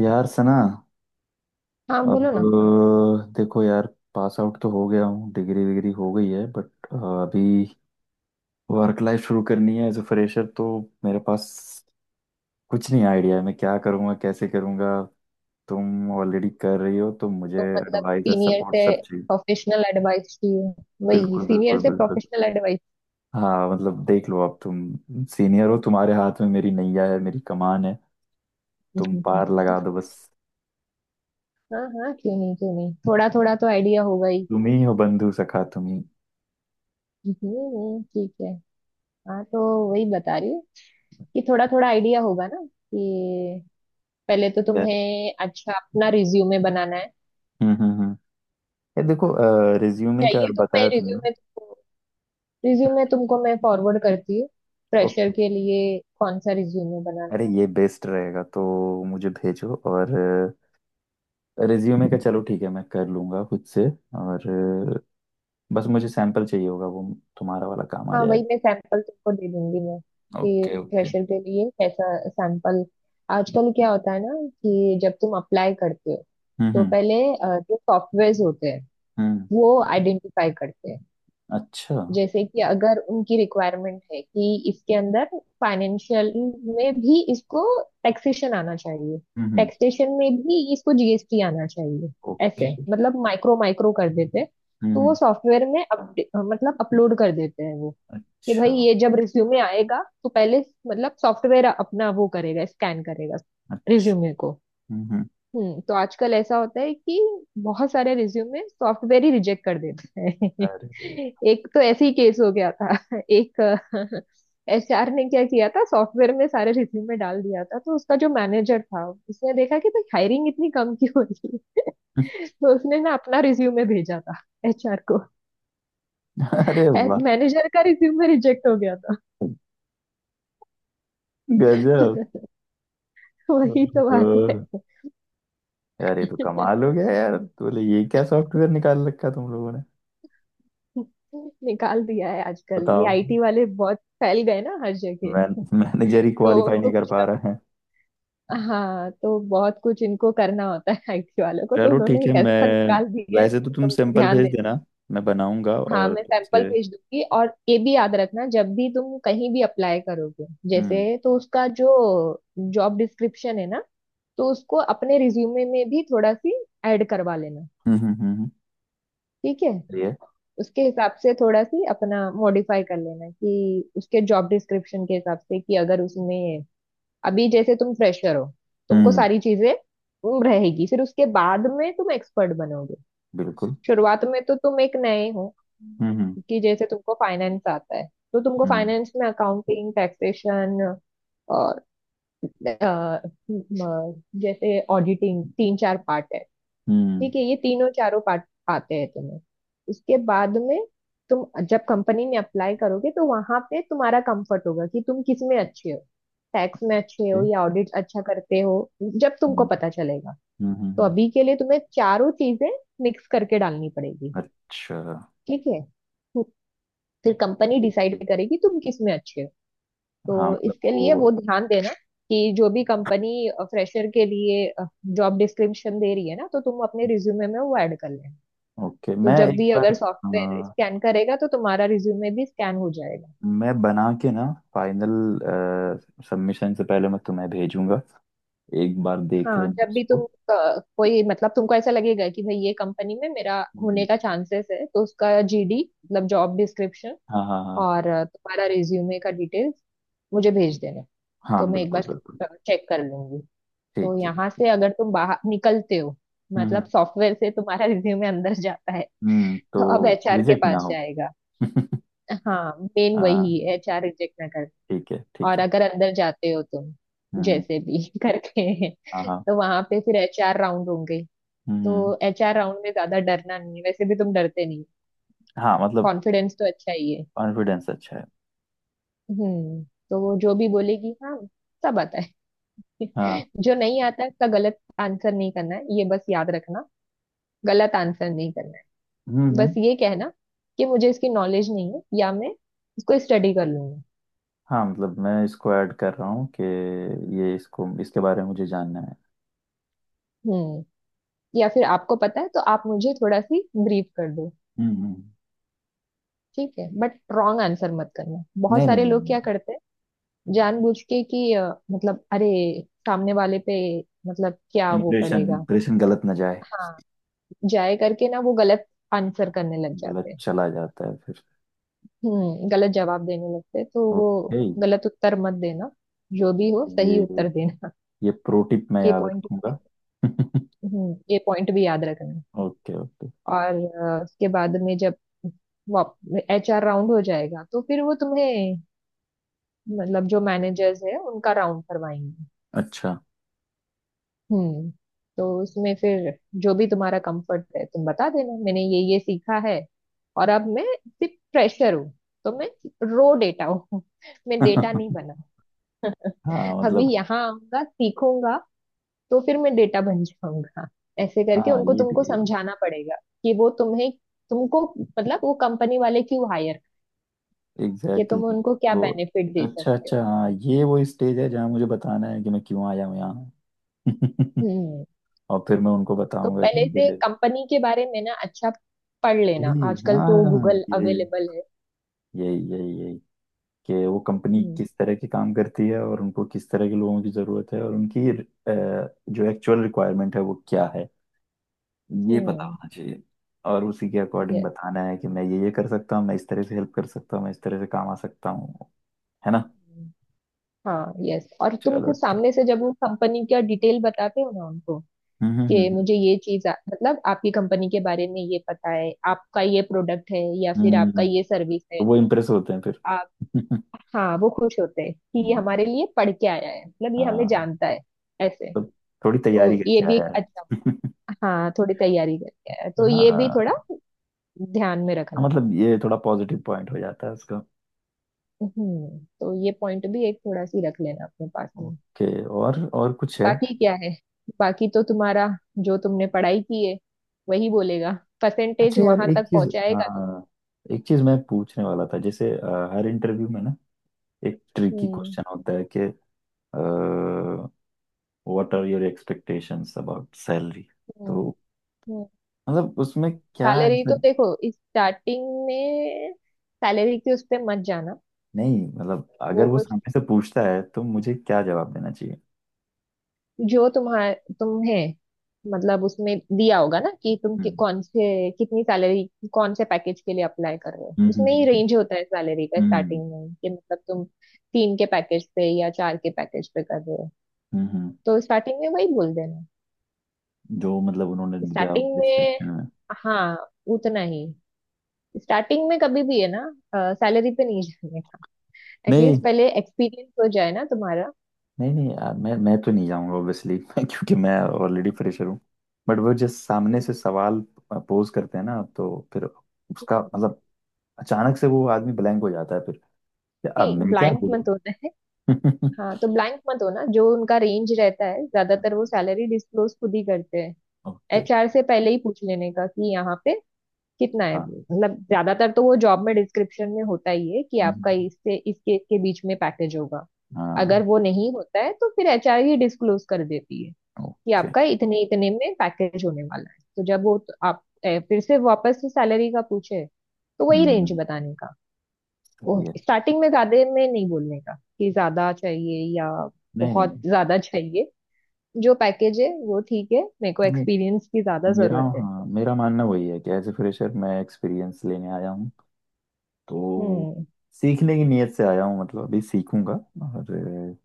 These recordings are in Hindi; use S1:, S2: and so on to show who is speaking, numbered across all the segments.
S1: यार सना।
S2: हाँ
S1: अब
S2: बोलो ना।
S1: देखो यार। पास आउट तो हो गया हूँ, डिग्री विग्री हो गई है, बट अभी वर्क लाइफ शुरू करनी है एज अ फ्रेशर। तो मेरे पास कुछ नहीं आइडिया है, मैं क्या करूँगा कैसे करूँगा। तुम ऑलरेडी कर रही हो तो मुझे
S2: तो मतलब
S1: एडवाइस और
S2: सीनियर
S1: सपोर्ट
S2: से
S1: सब चाहिए।
S2: प्रोफेशनल एडवाइस चाहिए। वही
S1: बिल्कुल
S2: सीनियर
S1: बिल्कुल
S2: से
S1: बिल्कुल।
S2: Professional advice.
S1: हाँ मतलब देख लो आप, तुम सीनियर हो, तुम्हारे हाथ में मेरी नैया है, मेरी कमान है। तुम पार लगा दो बस।
S2: हाँ हाँ, क्यों नहीं क्यों नहीं, थोड़ा थोड़ा तो आइडिया होगा ही।
S1: तुम ही हो बंधु सखा, तुम ही।
S2: ठीक है। हाँ तो वही बता रही हूँ कि थोड़ा थोड़ा आइडिया होगा ना कि पहले तो
S1: यार,
S2: तुम्हें अच्छा अपना रिज्यूमे बनाना है।
S1: हम्म, ये देखो। रिज्यूमे का
S2: चाहिए तो मैं
S1: बताया तुमने।
S2: रिज्यूमे तुमको मैं फॉरवर्ड करती हूँ। Fresher
S1: okay.
S2: के लिए कौन सा रिज्यूमे बनाना है।
S1: अरे ये बेस्ट रहेगा तो मुझे भेजो। और रिज्यूमे का चलो ठीक है, मैं कर लूँगा खुद से। और अ, बस मुझे सैंपल चाहिए होगा, वो तुम्हारा वाला काम आ
S2: हाँ
S1: जाएगा।
S2: वही मैं सैंपल तुमको दे दूंगी मैं कि
S1: ओके ओके।
S2: फ्रेशर के लिए कैसा सैंपल। आजकल क्या होता है ना कि जब तुम अप्लाई करते हो
S1: हम्म
S2: तो
S1: हम्म
S2: पहले जो सॉफ्टवेयर होते हैं
S1: हम्म,
S2: वो आइडेंटिफाई करते हैं।
S1: अच्छा हम्म।
S2: जैसे कि अगर उनकी रिक्वायरमेंट है कि इसके अंदर फाइनेंशियल में भी इसको टैक्सेशन आना चाहिए।
S1: हम्म।
S2: टैक्सेशन में भी इसको GST आना चाहिए। ऐसे
S1: ओके।
S2: मतलब माइक्रो माइक्रो कर देते हैं।
S1: हम्म
S2: तो
S1: हम्म,
S2: वो सॉफ्टवेयर में अपडे मतलब अपलोड कर देते हैं वो कि भाई
S1: अच्छा,
S2: ये जब रिज्यूमे आएगा तो पहले मतलब सॉफ्टवेयर अपना वो करेगा, स्कैन करेगा
S1: अच्छा
S2: रिज्यूमे को।
S1: हम्म।
S2: तो आजकल ऐसा होता है कि बहुत सारे रिज्यूमे सॉफ्टवेयर ही रिजेक्ट कर देता है
S1: अरे।
S2: एक तो ऐसे ही केस हो गया था एक एचआर ने क्या किया था, सॉफ्टवेयर में सारे रिज्यूमे डाल दिया था। तो उसका जो मैनेजर था उसने देखा कि भाई हायरिंग इतनी कम क्यों हो रही है। तो उसने ना अपना रिज्यूमे भेजा था HR को।
S1: अरे वाह।
S2: मैनेजर का रिज्यूमे रिजेक्ट हो गया
S1: गजब।
S2: था वही तो
S1: ओहो,
S2: बात है
S1: यार ये तो कमाल हो गया। यार तो बोले ये क्या सॉफ्टवेयर निकाल रखा तुम लोगों ने।
S2: निकाल दिया है आजकल, ये
S1: बताओ।
S2: IT वाले बहुत फैल गए ना हर
S1: मैं
S2: जगह।
S1: मैनेजर ही
S2: तो
S1: क्वालिफाई
S2: उनको
S1: नहीं कर
S2: कुछ
S1: पा
S2: ना कुछ।
S1: रहा है।
S2: हाँ, तो बहुत कुछ इनको करना होता है IT वालों को, तो
S1: चलो
S2: उन्होंने
S1: ठीक है।
S2: एक
S1: मैं
S2: ऐसा निकाल दिया है,
S1: वैसे तो, तुम
S2: तो
S1: सैंपल
S2: ध्यान
S1: भेज
S2: दे।
S1: देना, मैं बनाऊंगा
S2: हाँ
S1: और
S2: मैं सैंपल
S1: तुमसे।
S2: भेज दूंगी, और ये भी याद रखना जब भी तुम कहीं भी अप्लाई करोगे
S1: हम्म
S2: जैसे, तो उसका जो जॉब डिस्क्रिप्शन है ना, तो उसको अपने रिज्यूमे में भी थोड़ा सी ऐड करवा लेना।
S1: हम्म,
S2: ठीक है।
S1: ये।
S2: उसके हिसाब से थोड़ा सी अपना मॉडिफाई कर लेना कि उसके जॉब डिस्क्रिप्शन के हिसाब से, कि अगर उसमें अभी जैसे तुम फ्रेशर हो, तुमको
S1: हम्म।
S2: सारी चीजें तुम रहेगी, फिर उसके बाद में तुम एक्सपर्ट बनोगे।
S1: बिल्कुल।
S2: शुरुआत में तो तुम एक नए हो।
S1: हम्म।
S2: कि जैसे तुमको फाइनेंस आता है, तो तुमको
S1: हम्म
S2: फाइनेंस में अकाउंटिंग, टैक्सेशन और अ, अ, जैसे ऑडिटिंग, तीन चार पार्ट है।
S1: हम्म,
S2: ठीक है, ये तीनों चारों पार्ट आते हैं तुम्हें। उसके बाद में तुम जब कंपनी में अप्लाई करोगे, तो वहां पे तुम्हारा कंफर्ट होगा कि तुम किस में अच्छे हो। टैक्स में अच्छे हो
S1: ये,
S2: या ऑडिट अच्छा करते हो, जब
S1: हम्म
S2: तुमको पता चलेगा।
S1: हम्म हम्म,
S2: तो
S1: हम्म,
S2: अभी के लिए तुम्हें चारों चीजें मिक्स करके डालनी पड़ेगी।
S1: अच्छा।
S2: ठीक है। फिर कंपनी
S1: ठीक,
S2: डिसाइड
S1: ठीक।
S2: करेगी तुम किस में अच्छे हो।
S1: हाँ
S2: तो
S1: मतलब
S2: इसके लिए
S1: वो,
S2: वो ध्यान देना, कि जो भी कंपनी फ्रेशर के लिए जॉब डिस्क्रिप्शन दे रही है ना, तो तुम अपने रिज्यूमे में वो ऐड कर लेना।
S1: ओके,
S2: तो
S1: मैं
S2: जब
S1: एक
S2: भी
S1: बार,
S2: अगर सॉफ्टवेयर
S1: अ,
S2: स्कैन करेगा तो तुम्हारा रिज्यूमे भी स्कैन हो जाएगा।
S1: मैं बना के ना, फाइनल सबमिशन से पहले मैं तुम्हें भेजूंगा। एक बार देख
S2: हाँ,
S1: लेना
S2: जब भी तुम
S1: उसको।
S2: कोई मतलब, तुमको ऐसा लगेगा कि भाई ये कंपनी में मेरा होने
S1: हम्म,
S2: का चांसेस है, तो उसका JD, मतलब जॉब डिस्क्रिप्शन,
S1: हाँ हाँ हाँ।
S2: और तुम्हारा रिज्यूमे का डिटेल्स मुझे भेज देना।
S1: हाँ
S2: तो मैं एक
S1: बिल्कुल
S2: बार
S1: बिल्कुल।
S2: चेक कर लूंगी। तो
S1: ठीक है।
S2: यहाँ से अगर तुम बाहर निकलते हो
S1: हम्म
S2: मतलब सॉफ्टवेयर से, तुम्हारा रिज्यूमे अंदर जाता है तो अब
S1: तो
S2: HR के
S1: रिजेक्ट ना
S2: पास
S1: हो।
S2: जाएगा। हाँ, मेन
S1: हाँ,
S2: वही, HR रिजेक्ट ना।
S1: ठीक है ठीक
S2: और
S1: है।
S2: अगर अंदर जाते हो तुम
S1: हम्म।
S2: जैसे भी करके,
S1: हाँ हाँ।
S2: तो वहां पे फिर HR राउंड होंगे।
S1: हम्म।
S2: तो HR राउंड में ज्यादा डरना नहीं है, वैसे भी तुम डरते नहीं।
S1: हाँ मतलब
S2: कॉन्फिडेंस तो अच्छा ही है।
S1: कॉन्फिडेंस अच्छा है।
S2: हम्म तो वो जो भी बोलेगी, हाँ सब आता है।
S1: हाँ।
S2: जो नहीं आता है उसका गलत आंसर नहीं करना है, ये बस याद रखना। गलत आंसर नहीं करना है।
S1: हम्म।
S2: बस ये कहना कि मुझे इसकी नॉलेज नहीं है, या मैं इसको स्टडी कर लूंगा।
S1: हाँ मतलब मैं इसको ऐड कर रहा हूँ कि ये, इसको, इसके बारे में मुझे जानना है।
S2: हम्म या फिर आपको पता है तो आप मुझे थोड़ा सी ब्रीफ कर दो।
S1: हम्म।
S2: ठीक है, बट रॉन्ग आंसर मत करना। बहुत
S1: नहीं नहीं
S2: सारे लोग
S1: नहीं।
S2: क्या करते हैं जानबूझ के, कि मतलब अरे सामने वाले पे, मतलब क्या वो
S1: इम्प्रेशन,
S2: पड़ेगा।
S1: इम्प्रेशन गलत ना जाए।
S2: हाँ, जाए करके ना वो गलत आंसर करने लग जाते
S1: गलत
S2: हैं।
S1: चला जाता है फिर।
S2: गलत जवाब देने लगते हैं, तो वो
S1: ओके।
S2: गलत उत्तर मत देना, जो भी हो
S1: ये
S2: सही उत्तर देना।
S1: ये प्रो टिप मैं
S2: ये
S1: याद
S2: पॉइंट भी,
S1: रखूंगा।
S2: ये पॉइंट भी याद रखना।
S1: Okay okay.
S2: और उसके बाद में जब HR राउंड हो जाएगा तो फिर वो तुम्हें, मतलब जो मैनेजर्स है उनका राउंड करवाएंगे।
S1: अच्छा।
S2: हम्म तो उसमें फिर जो भी तुम्हारा कंफर्ट है तुम बता देना, मैंने ये सीखा है, और अब मैं सिर्फ फ्रेशर हूँ। तो मैं रो डेटा हूँ मैं डेटा नहीं बना,
S1: हाँ
S2: अभी
S1: मतलब,
S2: यहाँ आऊंगा सीखूंगा तो फिर मैं डेटा बन जाऊंगा। ऐसे करके
S1: हाँ
S2: उनको
S1: ये
S2: तुमको समझाना पड़ेगा कि वो तुम्हें, तुमको मतलब वो कंपनी वाले क्यों हायर, कि
S1: एग्जैक्टली
S2: तुम
S1: exactly।
S2: उनको क्या
S1: तो
S2: बेनिफिट दे
S1: अच्छा
S2: सकते हो।
S1: अच्छा, हाँ ये वो स्टेज है जहाँ मुझे बताना है कि मैं क्यों आया हूँ यहाँ।
S2: हम्म
S1: और फिर मैं उनको
S2: तो
S1: बताऊंगा कि
S2: पहले से
S1: मेरे,
S2: कंपनी के बारे में ना अच्छा पढ़ लेना,
S1: यही,
S2: आजकल तो
S1: हाँ
S2: गूगल
S1: ये,
S2: अवेलेबल है।
S1: यही यही यही कि वो कंपनी
S2: हम्म,
S1: किस तरह के काम करती है और उनको किस तरह के लोगों की जरूरत है, और उनकी जो एक्चुअल रिक्वायरमेंट है वो क्या है, ये पता
S2: हम्म,
S1: होना चाहिए। और उसी के अकॉर्डिंग
S2: यस,
S1: बताना है कि मैं ये कर सकता हूँ, मैं इस तरह से हेल्प कर सकता हूँ, मैं इस तरह से काम आ सकता हूँ, है ना।
S2: हाँ, यस, और तुम
S1: चलो,
S2: खुद सामने से जब वो कंपनी का डिटेल बताते हो ना उनको,
S1: हम्म हम्म,
S2: कि
S1: हम्म,
S2: मुझे ये चीज मतलब आपकी कंपनी के बारे में ये पता है, आपका ये प्रोडक्ट है या
S1: या
S2: फिर आपका ये
S1: तो
S2: सर्विस है।
S1: वो इम्प्रेस होते हैं फिर।
S2: आप हाँ, वो खुश होते हैं कि ये
S1: हम्म,
S2: हमारे लिए पढ़ के आया है, मतलब ये हमें
S1: हाँ,
S2: जानता है, ऐसे।
S1: तो थोड़ी
S2: तो
S1: तैयारी
S2: ये
S1: करके
S2: भी
S1: आया
S2: एक अच्छा।
S1: है।
S2: हाँ, थोड़ी तैयारी करके आया है। तो
S1: हाँ
S2: ये भी थोड़ा
S1: हाँ
S2: ध्यान में रखना।
S1: मतलब ये थोड़ा पॉजिटिव पॉइंट हो जाता है उसका।
S2: तो ये पॉइंट भी एक थोड़ा सी रख लेना अपने पास में।
S1: ओके, और कुछ है।
S2: बाकी क्या है, बाकी तो तुम्हारा जो तुमने पढ़ाई की है वही बोलेगा, परसेंटेज
S1: अच्छा यार
S2: वहां
S1: एक
S2: तक
S1: चीज,
S2: पहुंचाएगा तुम।
S1: हाँ, एक चीज मैं पूछने वाला था, जैसे हर इंटरव्यू में ना एक ट्रिकी
S2: हम्म,
S1: क्वेश्चन होता है कि what are your expectations about salary.
S2: हम्म,
S1: तो
S2: हम्म,
S1: मतलब उसमें क्या
S2: सैलरी
S1: ऐसा,
S2: तो देखो स्टार्टिंग में, सैलरी के उस पे मत जाना।
S1: नहीं मतलब अगर
S2: वो
S1: वो सामने से पूछता है तो मुझे क्या जवाब देना चाहिए।
S2: जो तुम्हार तुम्हें, मतलब उसमें दिया होगा ना कि
S1: हम्म
S2: कौन से कितनी सैलरी, कौन से पैकेज के लिए अप्लाई कर रहे हो,
S1: हम्म
S2: उसमें ही
S1: हम्म
S2: रेंज होता है सैलरी का
S1: हम्म,
S2: स्टार्टिंग में, कि मतलब तुम तीन के पैकेज पे या चार के पैकेज पे कर रहे हो।
S1: हम्म, हम्म,
S2: तो स्टार्टिंग में वही बोल देना।
S1: जो मतलब उन्होंने दिया
S2: स्टार्टिंग में,
S1: डिस्क्रिप्शन में।
S2: हाँ उतना ही। स्टार्टिंग में कभी भी है ना, सैलरी पे नहीं जाने का।
S1: नहीं
S2: एटलीस्ट पहले एक्सपीरियंस हो जाए ना तुम्हारा।
S1: नहीं नहीं यार, मैं तो नहीं जाऊंगा ऑब्वियसली, क्योंकि मैं ऑलरेडी फ्रेशर हूँ। बट वो जब सामने से सवाल पोज करते हैं ना, तो फिर उसका मतलब अचानक से वो आदमी ब्लैंक हो जाता है फिर, कि अब
S2: नहीं,
S1: मैं क्या
S2: ब्लैंक मत होना है।
S1: बोलूँ।
S2: हाँ तो ब्लैंक मत होना, जो उनका रेंज रहता है ज्यादातर, वो सैलरी डिस्क्लोज खुद ही करते हैं।
S1: ओके।
S2: एचआर से पहले ही पूछ लेने का कि यहाँ पे कितना है,
S1: हाँ,
S2: मतलब ज्यादातर तो वो जॉब में डिस्क्रिप्शन में होता ही है कि आपका
S1: हम्म,
S2: इससे इसके इसके बीच में पैकेज होगा। अगर
S1: हाँ।
S2: वो नहीं होता है तो फिर HR ही डिस्क्लोज कर देती है कि
S1: ओके।
S2: आपका इतने इतने में पैकेज होने वाला है। तो जब वो, तो आप फिर से वापस से सैलरी का पूछे, तो वही रेंज
S1: हम्म।
S2: बताने का। वो
S1: सही है।
S2: स्टार्टिंग में ज्यादा में नहीं बोलने का कि ज्यादा चाहिए या
S1: नहीं
S2: बहुत
S1: नहीं
S2: ज्यादा चाहिए। जो पैकेज है वो ठीक है, मेरे को
S1: नहीं,
S2: एक्सपीरियंस की ज्यादा
S1: मेरा,
S2: जरूरत है।
S1: हाँ मेरा मानना वही है कि एज ए फ्रेशर मैं एक्सपीरियंस लेने आया हूँ। तो
S2: हम्म
S1: सीखने की नीयत से आया हूँ, मतलब अभी सीखूंगा। और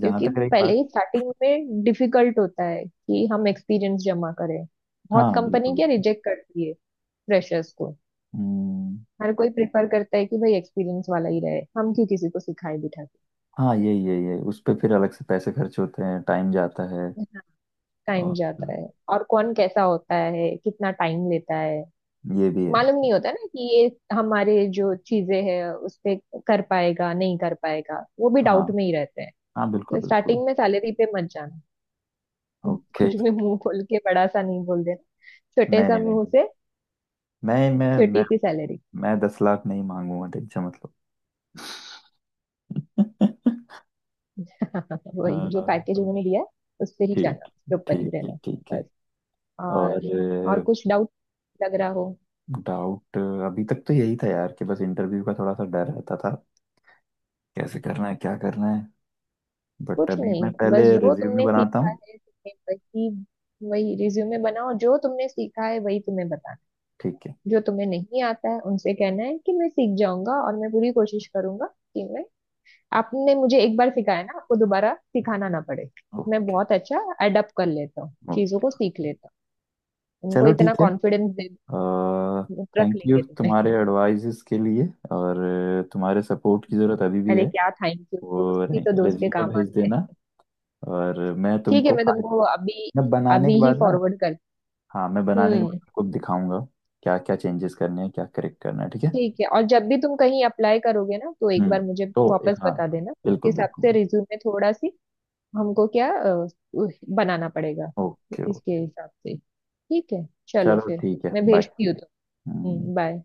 S1: जहाँ
S2: क्योंकि
S1: तक रही
S2: पहले
S1: बात,
S2: ही स्टार्टिंग में डिफिकल्ट होता है कि हम एक्सपीरियंस जमा करें। बहुत
S1: हाँ बिल्कुल
S2: कंपनी क्या
S1: बिल्कुल।
S2: रिजेक्ट करती है फ्रेशर्स को।
S1: हम्म,
S2: हर कोई प्रेफर करता है कि भाई एक्सपीरियंस वाला ही रहे, हम क्यों किसी को सिखाए बिठा।
S1: हाँ यही यही है, उस पर फिर अलग से पैसे खर्च होते हैं, टाइम जाता है।
S2: टाइम
S1: और
S2: जाता है। और कौन कैसा होता है, कितना टाइम लेता है
S1: ये भी है।
S2: मालूम नहीं होता ना, कि ये हमारे जो चीजें हैं उस पे कर पाएगा नहीं कर पाएगा, वो भी
S1: हाँ
S2: डाउट में ही रहते हैं।
S1: हाँ बिल्कुल
S2: तो
S1: बिल्कुल।
S2: स्टार्टिंग में सैलरी पे मत जाना।
S1: ओके।
S2: कुछ भी मुंह खोल के बड़ा सा नहीं बोल देना, छोटे
S1: नहीं
S2: सा
S1: नहीं
S2: मुंह
S1: नहीं,
S2: से
S1: मैं मैं मैं
S2: छोटी सी सैलरी
S1: मैं 10 लाख नहीं मांगूंगा, टेंशन मतलब। अ,
S2: वही जो पैकेज उन्होंने दिया है उस पे ही जाना,
S1: ठीक,
S2: उसके ऊपर ही
S1: ठीक है
S2: रहना।
S1: ठीक है।
S2: बस।
S1: और
S2: और और कुछ डाउट लग रहा हो।
S1: डाउट, अभी तक तो यही था यार कि बस इंटरव्यू का थोड़ा सा डर रहता था, कैसे करना है क्या करना है, बट
S2: कुछ
S1: अभी
S2: नहीं,
S1: मैं पहले
S2: बस जो
S1: रिज्यूमे
S2: तुमने
S1: बनाता
S2: सीखा
S1: हूँ।
S2: है, तुमने वही वही रिज्यूमे बनाओ, जो तुमने सीखा है वही तुम्हें बताना
S1: ठीक है।
S2: है। जो तुम्हें नहीं आता है उनसे कहना है कि मैं सीख जाऊंगा, और मैं पूरी कोशिश करूंगा कि मैं, आपने मुझे एक बार सिखाया ना, आपको दोबारा सिखाना ना पड़े। मैं
S1: ओके
S2: बहुत अच्छा अडप्ट कर लेता हूँ, चीजों
S1: ओके।
S2: को सीख लेता हूँ, उनको
S1: चलो ठीक
S2: इतना
S1: है,
S2: कॉन्फिडेंस दे, रख
S1: थैंक यू
S2: लेंगे तुम्हें
S1: तुम्हारे एडवाइजेस के लिए। और तुम्हारे सपोर्ट की ज़रूरत अभी भी
S2: अरे
S1: है।
S2: क्या थैंक यू, दोस्त
S1: और
S2: ही तो दोस्त के
S1: रिज्यूमे
S2: काम
S1: भेज
S2: आते हैं।
S1: देना। और मैं
S2: ठीक है,
S1: तुमको
S2: मैं
S1: फाइल,
S2: तुमको अभी,
S1: मैं बनाने के
S2: अभी ही
S1: बाद ना,
S2: फॉरवर्ड कर।
S1: हाँ, मैं बनाने के बाद
S2: हम्म,
S1: तुमको दिखाऊंगा क्या क्या चेंजेस करने हैं, क्या करेक्ट करना है। ठीक है।
S2: ठीक है, और जब भी तुम कहीं अप्लाई करोगे ना तो एक
S1: हम्म,
S2: बार मुझे
S1: तो
S2: वापस
S1: हाँ
S2: बता देना, उसके
S1: बिल्कुल
S2: हिसाब से
S1: बिल्कुल।
S2: रिज्यूमे थोड़ा सी हमको क्या उह, बनाना पड़ेगा
S1: ओके
S2: इसके
S1: ओके।
S2: हिसाब से। ठीक है चलो
S1: चलो
S2: फिर,
S1: ठीक है
S2: मैं
S1: बाय।
S2: भेजती हूँ
S1: हम्म।
S2: तो। बाय।